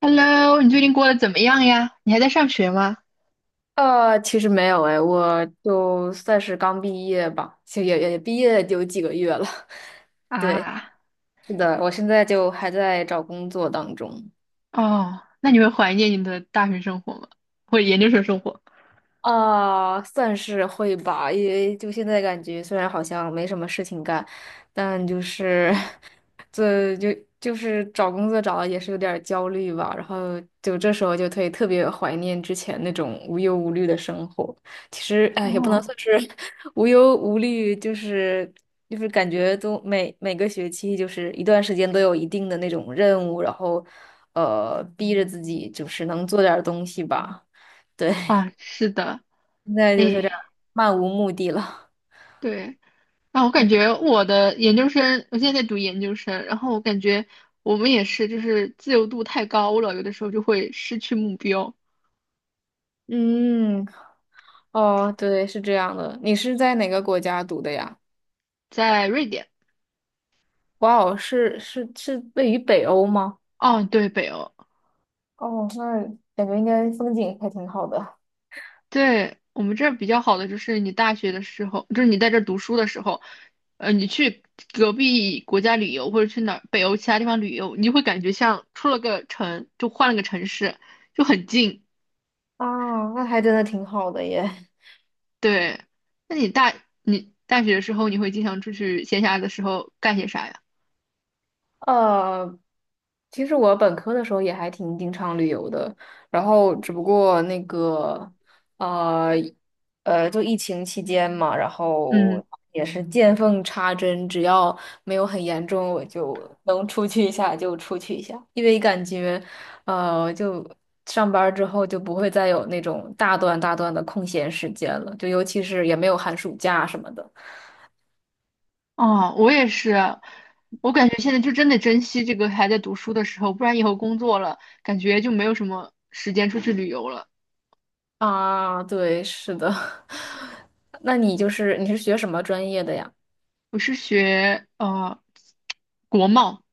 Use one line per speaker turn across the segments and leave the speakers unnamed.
Hello，你最近过得怎么样呀？你还在上学吗？
其实没有哎，我就算是刚毕业吧，其实也毕业有几个月了。对，
啊。
是的，我现在就还在找工作当中。
哦，那你会怀念你的大学生活吗？或者研究生生活？
啊，算是会吧，因为就现在感觉虽然好像没什么事情干，但就是 这就就是找工作找的也是有点儿焦虑吧，然后就这时候就特别怀念之前那种无忧无虑的生活。其实哎，也不能
哦。
算是 无忧无虑，就是感觉每个学期就是一段时间都有一定的那种任务，然后逼着自己就是能做点儿东西吧，对。
啊，是的。
现在就是这样
哎。
漫无目的了。
对。啊，我感觉我的研究生，我现在在读研究生，然后我感觉我们也是，就是自由度太高了，有的时候就会失去目标。
嗯，哦，对，是这样的。你是在哪个国家读的呀？
在瑞典。
哇哦，是位于北欧吗？
哦，对，北欧。
哦，那感觉应该风景还挺好的。
对，我们这儿比较好的就是你大学的时候，就是你在这儿读书的时候，你去隔壁国家旅游或者去哪儿北欧其他地方旅游，你就会感觉像出了个城，就换了个城市，就很近。
啊，那还真的挺好的耶。
对，那你大你大学的时候，你会经常出去闲暇的时候干些啥呀？
呃，其实我本科的时候也还挺经常旅游的，然后只不过那个，呃，就疫情期间嘛，然后
嗯。
也是见缝插针，只要没有很严重，我就能出去一下就出去一下，因为感觉，就上班儿之后就不会再有那种大段大段的空闲时间了，就尤其是也没有寒暑假什么的。
哦，我也是，我感觉现在就真的珍惜这个还在读书的时候，不然以后工作了，感觉就没有什么时间出去旅游了。
啊，对，是的。那你就是你是学什么专业的呀？
我是学国贸。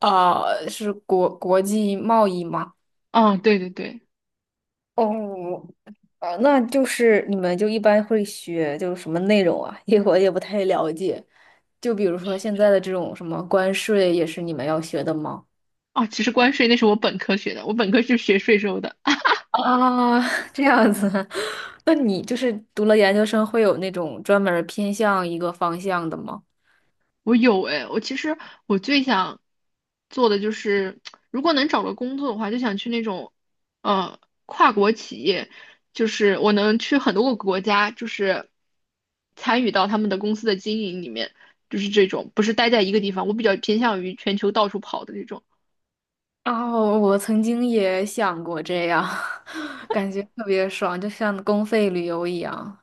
啊，是国际贸易吗？
啊，对对对。
哦，那就是你们就一般会学就是什么内容啊？因为我也不太了解。就比如说现在的这种什么关税，也是你们要学的吗？
啊，其实关税那是我本科学的，我本科是学税收的。
啊，这样子，那你就是读了研究生，会有那种专门儿偏向一个方向的吗？
我有诶，我其实我最想做的就是，如果能找个工作的话，就想去那种呃跨国企业，就是我能去很多个国家，就是参与到他们的公司的经营里面，就是这种，不是待在一个地方。我比较偏向于全球到处跑的这种。
哦，我曾经也想过这样，感觉特别爽，就像公费旅游一样。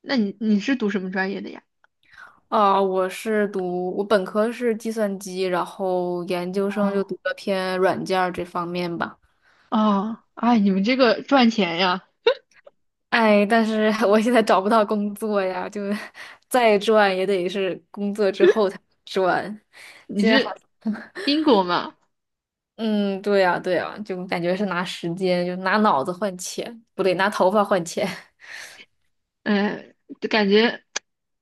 那你是读什么专业的呀？
啊，我是读，我本科是计算机，然后研究生就
哦
读了偏软件儿这方面吧。
哦。哎，你们这个赚钱呀？
哎，但是 我现在找不到工作呀，就 再赚也得是工作之后才赚。
你
现在好，
是英国嘛？
嗯，对呀，对呀，就感觉是拿时间，就拿脑子换钱，不对，拿头发换钱。
嗯、就感觉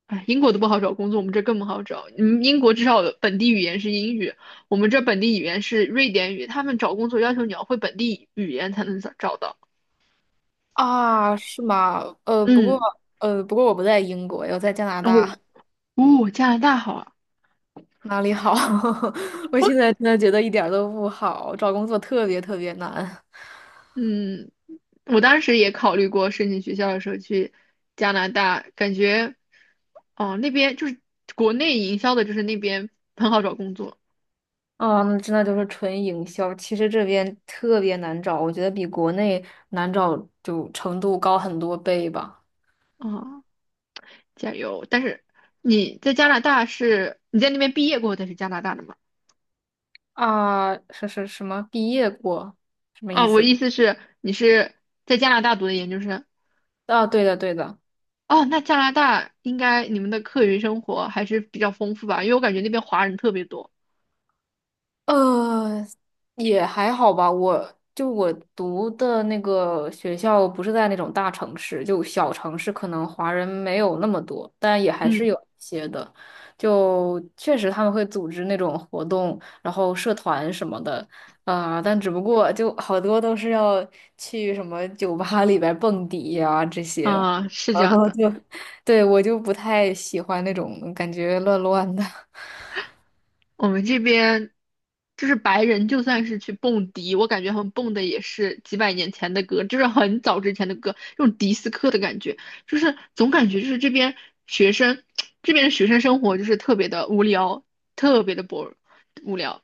哎，英国都不好找工作，我们这更不好找。你们英国至少有本地语言是英语，我们这本地语言是瑞典语，他们找工作要求你要会本地语言才能找到。
啊，是吗？
嗯，
不过我不在英国，我在加拿
然后
大，
哦，加拿大好啊。
哪里好？我
我
现在真的觉得一点儿都不好，找工作特别特别难。
嗯，我当时也考虑过申请学校的时候去加拿大，感觉哦那边就是国内营销的，就是那边很好找工作。
啊！那真的就是纯营销，其实这边特别难找，我觉得比国内难找就程度高很多倍吧。
啊。加油！但是你在加拿大是你在那边毕业过后才是加拿大的吗？
啊，是是什么？毕业过？
哦，我意思是你是在加拿大读的研究生。
啊，对的。
哦，那加拿大应该你们的课余生活还是比较丰富吧？因为我感觉那边华人特别多。
呃，也还好吧。我就我读的那个学校不是在那种大城市，就小城市，可能华人没有那么多，但也还是有
嗯。
一些的。就确实他们会组织那种活动，然后社团什么的，啊、但只不过就好多都是要去什么酒吧里边蹦迪呀、这些，
啊、是这
然
样
后
的。
就 对我就不太喜欢那种感觉乱乱的。
我们这边就是白人，就算是去蹦迪，我感觉他们蹦的也是几百年前的歌，就是很早之前的歌，那种迪斯科的感觉，就是总感觉就是这边学生，这边的学生生活就是特别的无聊，特别的 无聊。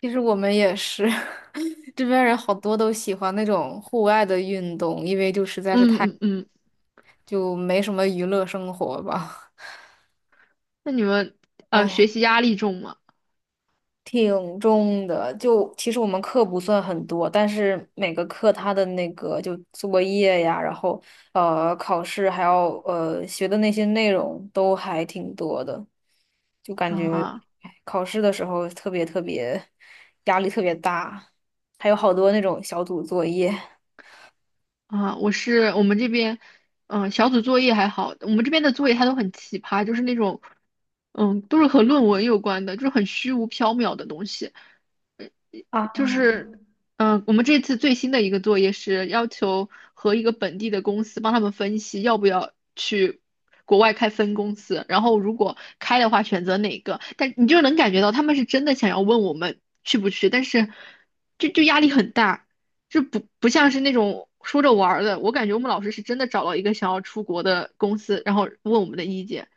其实我们也是，这边人好多都喜欢那种户外的运动，因为就实在是
嗯
太，
嗯嗯。
就没什么娱乐生活吧。
那你们学
唉，
习压力重吗？
挺重的。就其实我们课不算很多，但是每个课它的那个就作业呀，然后考试还要学的那些内容都还挺多的，就感觉
啊。
唉考试的时候特别特别压力特别大，还有好多那种小组作业。
啊，我是我们这边，嗯、小组作业还好，我们这边的作业它都很奇葩，就是那种，嗯，都是和论文有关的，就是很虚无缥缈的东西。就
啊。
是，嗯、我们这次最新的一个作业是要求和一个本地的公司帮他们分析要不要去国外开分公司，然后如果开的话选择哪个。但你就能感觉到他们是真的想要问我们去不去，但是就压力很大，就不像是那种说着玩儿的。我感觉我们老师是真的找到一个想要出国的公司，然后问我们的意见。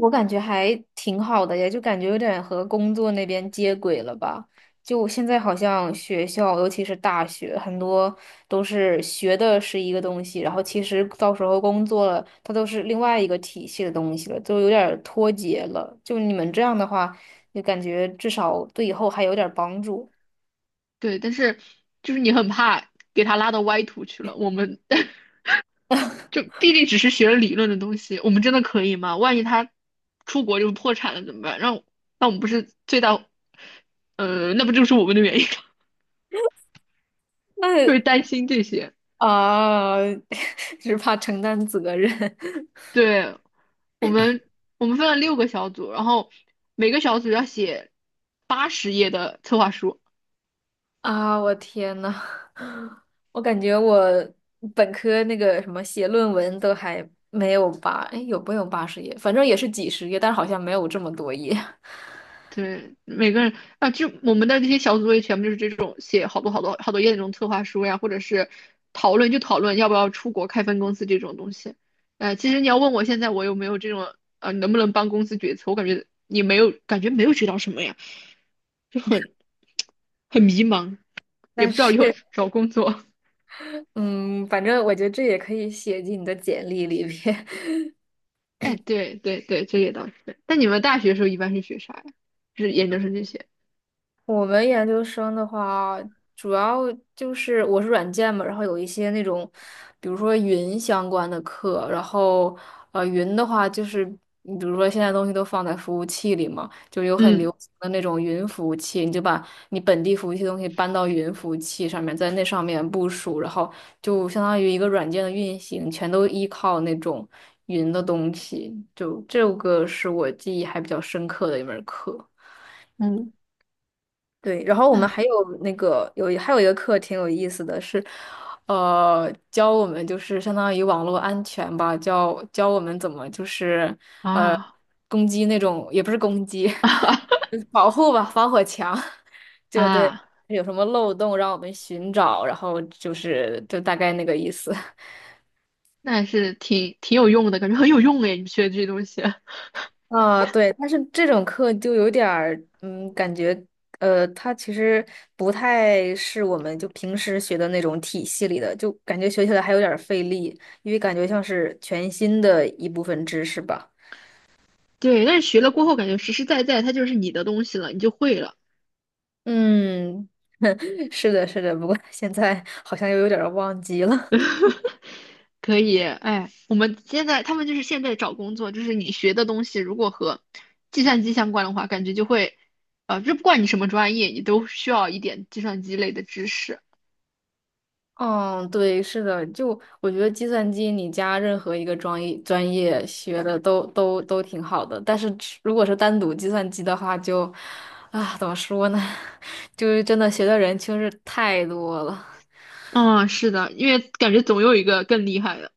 我感觉还挺好的呀就感觉有点和工作那边接轨了吧。就现在好像学校，尤其是大学，很多都是学的是一个东西，然后其实到时候工作了，它都是另外一个体系的东西了，就有点儿脱节了。就你们这样的话，就感觉至少对以后还有点儿帮助。
对，但是就是你很怕给他拉到歪途去了，我们。就毕竟只是学了理论的东西，我们真的可以吗？万一他出国就破产了怎么办？让那我们不是最大，那不就是我们的原因吗？就
那
是担心这些。
啊，只怕承担责任。
对，我们我们分了6个小组，然后每个小组要写80页的策划书。
啊，我天呐，我感觉我本科那个什么写论文都还没有八，哎，有没有八十页？反正也是几十页，但是好像没有这么多页。
对，每个人啊，就我们的这些小组作业全部就是这种写好多好多好多页那种策划书呀，或者是讨论就讨论要不要出国开分公司这种东西。其实你要问我现在我有没有这种啊，能不能帮公司决策，我感觉你没有，感觉没有学到什么呀，就很迷茫，也
但
不知道
是，
以后找工作。
嗯，反正我觉得这也可以写进你的简历里边。
哎，对对对，这也倒是。但你们大学的时候一般是学啥呀？就是研究生这些？
我们研究生的话，主要就是我是软件嘛，然后有一些那种，比如说云相关的课，然后云的话就是，你比如说现在东西都放在服务器里嘛，就有很
嗯
流行的那种云服务器，你就把你本地服务器的东西搬到云服务器上面，在那上面部署，然后就相当于一个软件的运行，全都依靠那种云的东西，就这个是我记忆还比较深刻的一门课。
嗯。
对，然后我们还有
那
那个有还有一个课挺有意思的是，教我们就是相当于网络安全吧，教我们怎么就是呃
啊
攻击那种也不是攻击，就是保护吧，防火墙，就对，
啊。
有什么漏洞让我们寻找，然后就是就大概那个意思。
那还是挺有用的，感觉很有用哎，你学的这些东西。
啊，对，但是这种课就有点儿，嗯，感觉，它其实不太是我们就平时学的那种体系里的，就感觉学起来还有点儿费力，因为感觉像是全新的一部分知识吧。
对，但是学了过后，感觉实实在在它就是你的东西了，你就会了。
嗯，是的，是的，不过现在好像又有点儿忘记了。
可以。哎，我们现在他们就是现在找工作，就是你学的东西如果和计算机相关的话，感觉就会，就不管你什么专业，你都需要一点计算机类的知识。
嗯，对，是的，就我觉得计算机你加任何一个专业学的都挺好的，但是如果是单独计算机的话就，啊，怎么说呢，就是真的学的人确实太多了，
嗯，是的，因为感觉总有一个更厉害的。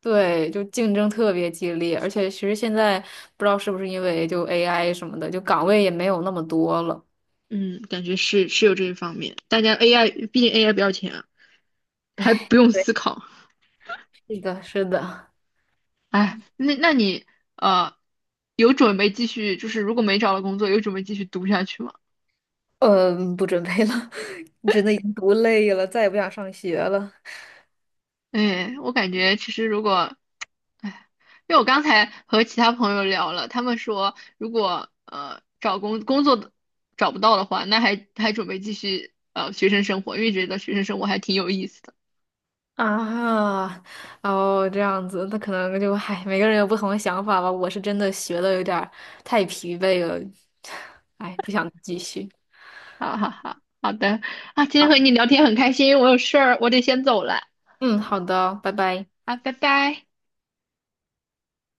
对，就竞争特别激烈，而且其实现在不知道是不是因为就 AI 什么的，就岗位也没有那么多了，
嗯，感觉是有这一方面。大家 AI，毕竟 AI 不要钱啊还
唉，
不用
对，
思考。
是的，是的，
哎，那你呃，有准备继续，就是如果没找到工作，有准备继续读下去吗？
嗯，不准备了，真的已经读累了，再也不想上学了。
哎，我感觉其实如果，哎，因为我刚才和其他朋友聊了，他们说如果找工作的找不到的话，那还准备继续学生生活，因为觉得学生生活还挺有意思的。
啊，哦，这样子，那可能就，唉，每个人有不同的想法吧。我是真的学的有点儿太疲惫了，唉，不想继续。
哈哈哈，好的啊，今天和你聊天很开心，我有事儿，我得先走了
嗯，好的，拜拜。
啊，拜拜。